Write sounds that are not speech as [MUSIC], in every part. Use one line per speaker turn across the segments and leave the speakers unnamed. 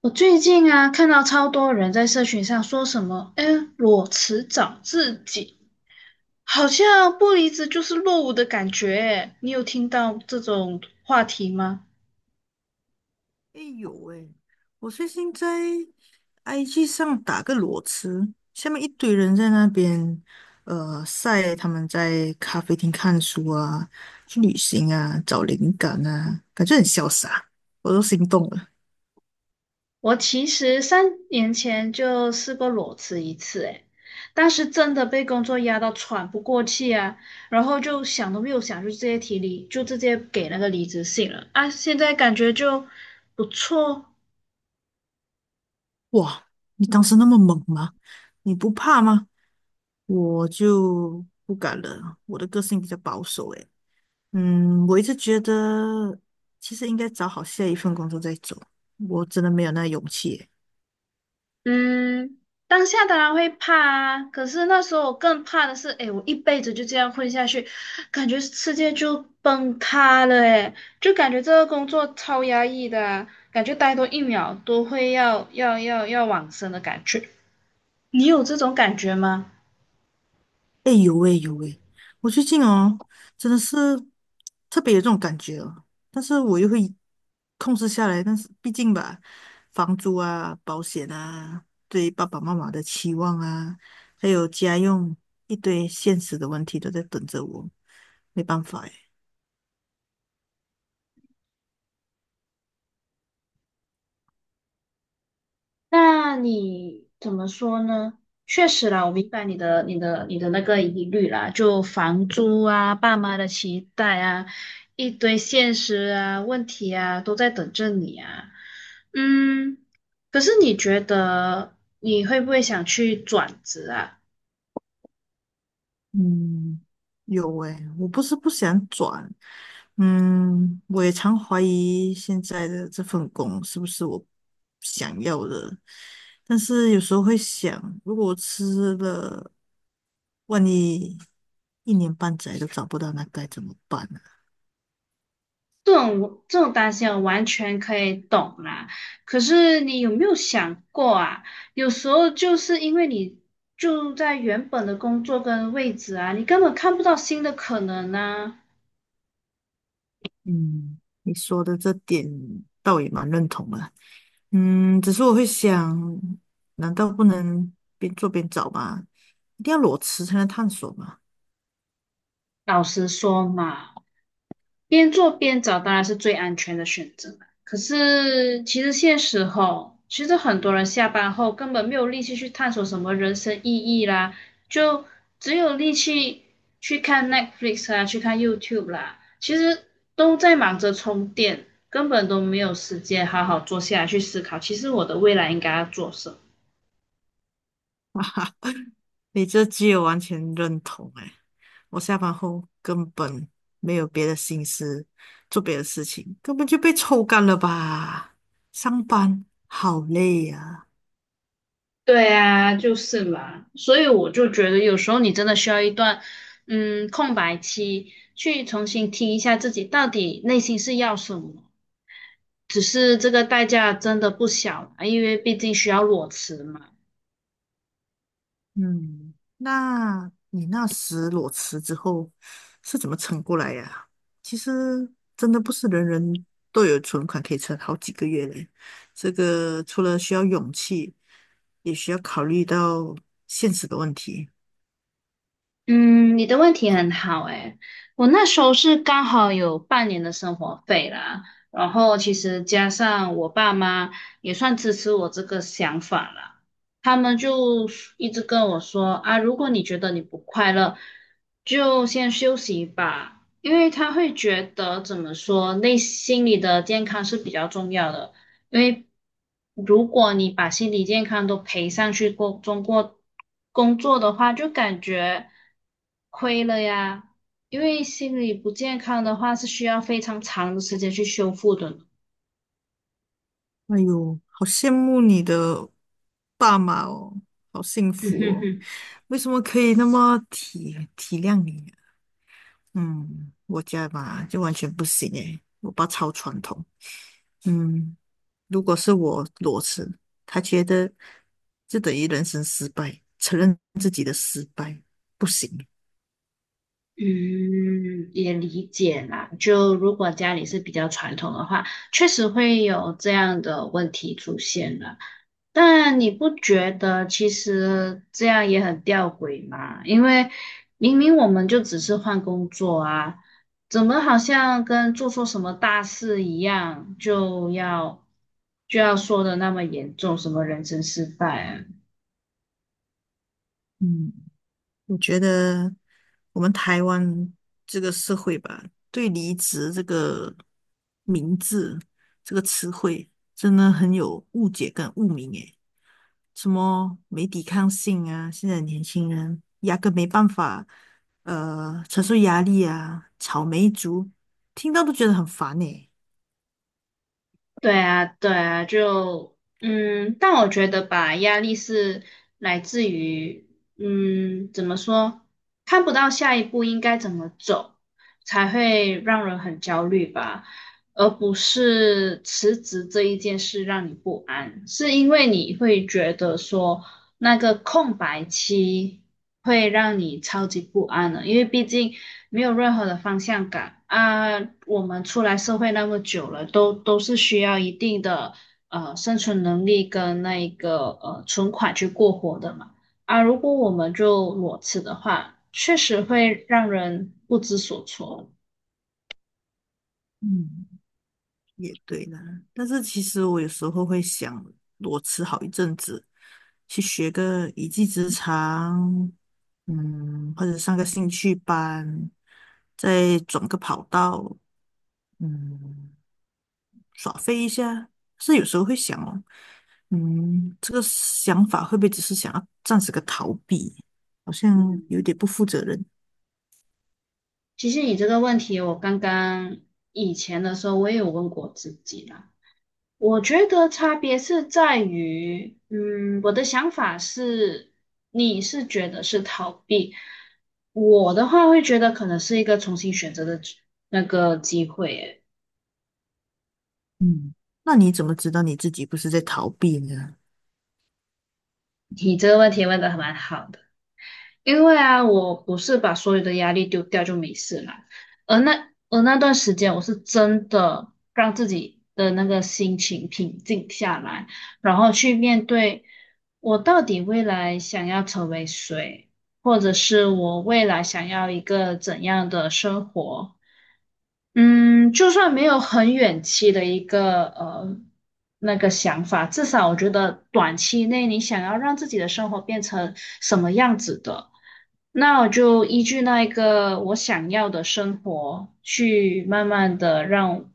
我最近啊，看到超多人在社群上说什么，哎，裸辞找自己，好像不离职就是落伍的感觉。哎，你有听到这种话题吗？
哎有哎，我最近在 IG 上打个裸辞，下面一堆人在那边晒他们在咖啡厅看书啊、去旅行啊、找灵感啊，感觉很潇洒，我都心动了。
我其实三年前就试过裸辞一次，哎，当时真的被工作压到喘不过气啊，然后就想都没有想，就直接提离，就直接给那个离职信了啊。现在感觉就不错。
哇，你当时那么猛吗？你不怕吗？我就不敢了，我的个性比较保守诶。嗯，我一直觉得其实应该找好下一份工作再走，我真的没有那勇气。
嗯，当下当然会怕啊，可是那时候我更怕的是，诶，我一辈子就这样混下去，感觉世界就崩塌了，诶，就感觉这个工作超压抑的啊，感觉待多一秒都会要往生的感觉。你有这种感觉吗？
哎，有哎有哎，我最近哦，真的是特别有这种感觉哦，但是我又会控制下来，但是毕竟吧，房租啊、保险啊、对爸爸妈妈的期望啊，还有家用一堆现实的问题都在等着我，没办法诶。
那你怎么说呢？确实啦，我明白你的那个疑虑啦，就房租啊、爸妈的期待啊，一堆现实啊、问题啊，都在等着你啊。嗯，可是你觉得你会不会想去转职啊？
嗯，有诶，我不是不想转，嗯，我也常怀疑现在的这份工是不是我想要的，但是有时候会想，如果我吃了，万一一年半载都找不到，那该怎么办呢？
这种这种担心我完全可以懂啦。可是你有没有想过啊？有时候就是因为你就在原本的工作跟位置啊，你根本看不到新的可能呢。
嗯，你说的这点倒也蛮认同的，嗯，只是我会想，难道不能边做边找吗？一定要裸辞才能探索吗？
老实说嘛。边做边找当然是最安全的选择啦，可是其实现实吼，其实很多人下班后根本没有力气去探索什么人生意义啦，就只有力气去看 Netflix 啊，去看 YouTube 啦，其实都在忙着充电，根本都没有时间好好坐下来去思考，其实我的未来应该要做什么。
你这句我完全认同哎，我下班后根本没有别的心思做别的事情，根本就被抽干了吧？上班好累呀。
对啊，就是嘛，所以我就觉得有时候你真的需要一段，嗯，空白期，去重新听一下自己到底内心是要什么。只是这个代价真的不小，因为毕竟需要裸辞嘛。
嗯，那你那时裸辞之后是怎么撑过来呀，其实真的不是人人都有存款可以撑好几个月嘞，这个除了需要勇气，也需要考虑到现实的问题。
嗯，你的问题很好诶，我那时候是刚好有半年的生活费啦，然后其实加上我爸妈也算支持我这个想法啦，他们就一直跟我说啊，如果你觉得你不快乐，就先休息吧，因为他会觉得怎么说，内心里的健康是比较重要的。因为如果你把心理健康都赔上去工中国工作的话，就感觉亏了呀。因为心理不健康的话，是需要非常长的时间去修复的呢。[LAUGHS]
哎呦，好羡慕你的爸妈哦，好幸
嗯
福
哼
哦！
哼。
为什么可以那么体体谅你啊。嗯，我家吧就完全不行诶，我爸超传统。嗯，如果是我裸辞，他觉得就等于人生失败，承认自己的失败不行。
嗯，也理解啦。就如果家里是比较传统的话，确实会有这样的问题出现了。但你不觉得其实这样也很吊诡吗？因为明明我们就只是换工作啊，怎么好像跟做错什么大事一样，就要说的那么严重，什么人生失败啊？
嗯，你觉得我们台湾这个社会吧，对离职这个名字、这个词汇，真的很有误解跟污名诶。什么没抵抗性啊，现在年轻人压根没办法，承受压力啊，草莓族，听到都觉得很烦诶。
对啊，对啊，就但我觉得吧，压力是来自于怎么说，看不到下一步应该怎么走，才会让人很焦虑吧，而不是辞职这一件事让你不安，是因为你会觉得说那个空白期会让你超级不安的，因为毕竟没有任何的方向感啊。我们出来社会那么久了，都是需要一定的生存能力跟那一个存款去过活的嘛。啊，如果我们就裸辞的话，确实会让人不知所措。
嗯。也对啦，但是其实我有时候会想裸辞好一阵子，去学个一技之长，嗯，或者上个兴趣班，再转个跑道，嗯，耍飞一下。是有时候会想哦，嗯，这个想法会不会只是想要暂时个逃避？好像有点不负责任。
其实你这个问题，我刚刚以前的时候我也有问过自己啦。我觉得差别是在于，嗯，我的想法是，你是觉得是逃避，我的话会觉得可能是一个重新选择的机那个机会诶。
嗯，那你怎么知道你自己不是在逃避呢？
你这个问题问的还蛮好的。因为啊，我不是把所有的压力丢掉就没事了，而那段时间，我是真的让自己的那个心情平静下来，然后去面对我到底未来想要成为谁，或者是我未来想要一个怎样的生活，嗯，就算没有很远期的一个那个想法，至少我觉得短期内你想要让自己的生活变成什么样子的，那我就依据那一个我想要的生活去慢慢的让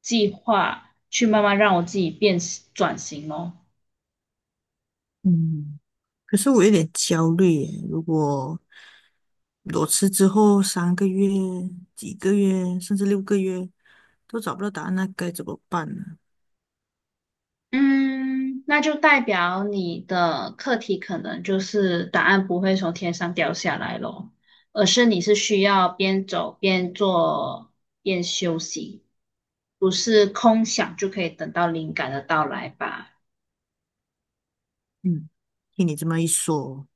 计划，去慢慢让我自己变转型咯。
嗯。可是我有点焦虑耶，如果裸辞之后三个月、几个月，甚至六个月都找不到答案，那该怎么办呢？
嗯，那就代表你的课题可能就是答案不会从天上掉下来咯，而是你是需要边走边做边休息，不是空想就可以等到灵感的到来吧？
嗯，听你这么一说，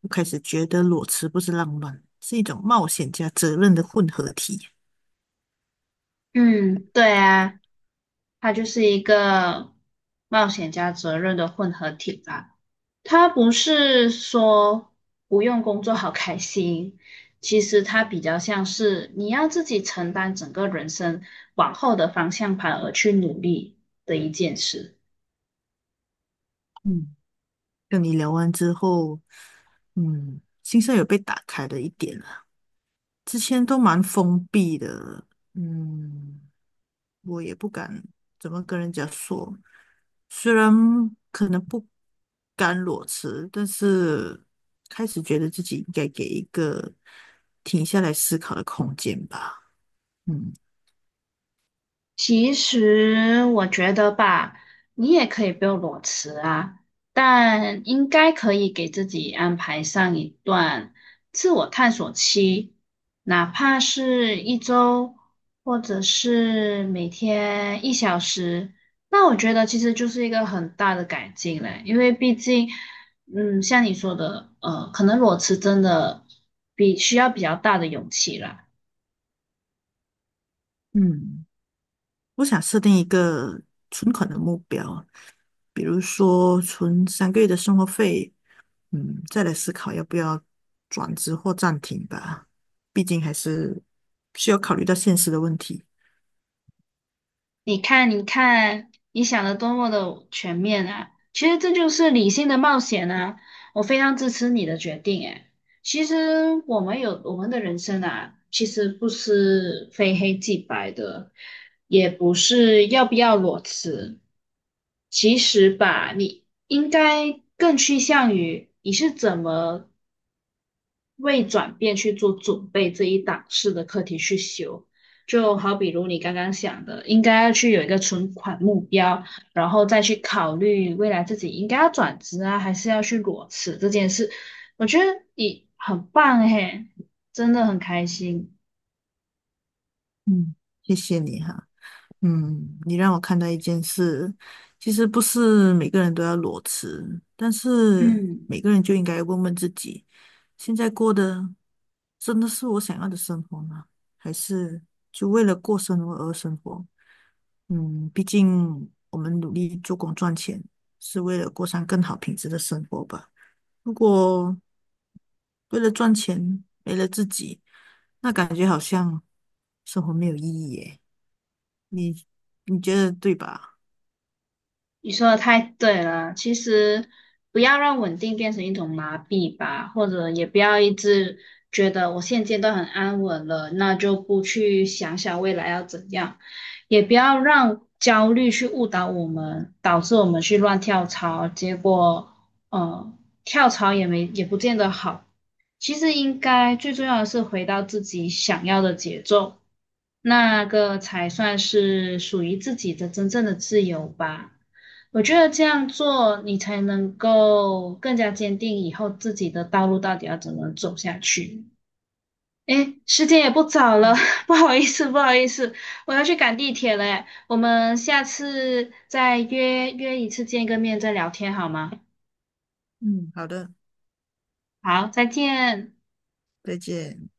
我开始觉得裸辞不是浪漫，是一种冒险加责任的混合体。
嗯，对啊，它就是一个冒险加责任的混合体吧。他不是说不用工作好开心，其实他比较像是你要自己承担整个人生往后的方向盘而去努力的一件事。
嗯，跟你聊完之后，嗯，心上有被打开了一点了，之前都蛮封闭的，嗯。我也不敢怎么跟人家说，虽然可能不甘裸辞，但是开始觉得自己应该给一个停下来思考的空间吧。嗯。
其实我觉得吧，你也可以不用裸辞啊，但应该可以给自己安排上一段自我探索期，哪怕是一周，或者是每天一小时。那我觉得其实就是一个很大的改进嘞，因为毕竟，嗯，像你说的，可能裸辞真的比需要比较大的勇气啦。
嗯，我想设定一个存款的目标，比如说存三个月的生活费，嗯，再来思考要不要转职或暂停吧。毕竟还是需要考虑到现实的问题。
你看，你看，你想的多么的全面啊！其实这就是理性的冒险啊！我非常支持你的决定。哎，其实我们有我们的人生啊，其实不是非黑即白的，也不是要不要裸辞。其实吧，你应该更趋向于你是怎么为转变去做准备这一档次的课题去修。就好比如你刚刚想的，应该要去有一个存款目标，然后再去考虑未来自己应该要转职啊，还是要去裸辞这件事。我觉得你很棒嘿，真的很开心。
嗯，谢谢你哈。嗯，你让我看到一件事，其实不是每个人都要裸辞，但是
嗯。
每个人就应该问问自己，现在过的真的是我想要的生活吗？还是就为了过生活而生活？嗯，毕竟我们努力做工赚钱，是为了过上更好品质的生活吧。如果为了赚钱没了自己，那感觉好像生活没有意义耶。你你觉得对吧？
你说的太对了，其实不要让稳定变成一种麻痹吧，或者也不要一直觉得我现阶段很安稳了，那就不去想想未来要怎样，也不要让焦虑去误导我们，导致我们去乱跳槽，结果呃跳槽也没也不见得好。其实应该最重要的是回到自己想要的节奏，那个才算是属于自己的真正的自由吧。我觉得这样做，你才能够更加坚定以后自己的道路到底要怎么走下去。诶，时间也不早了，
嗯。
[LAUGHS] 不好意思，不好意思，我要去赶地铁了，诶我们下次再约约一次见个面再聊天好吗？
嗯，好的，
好，再见。
再见。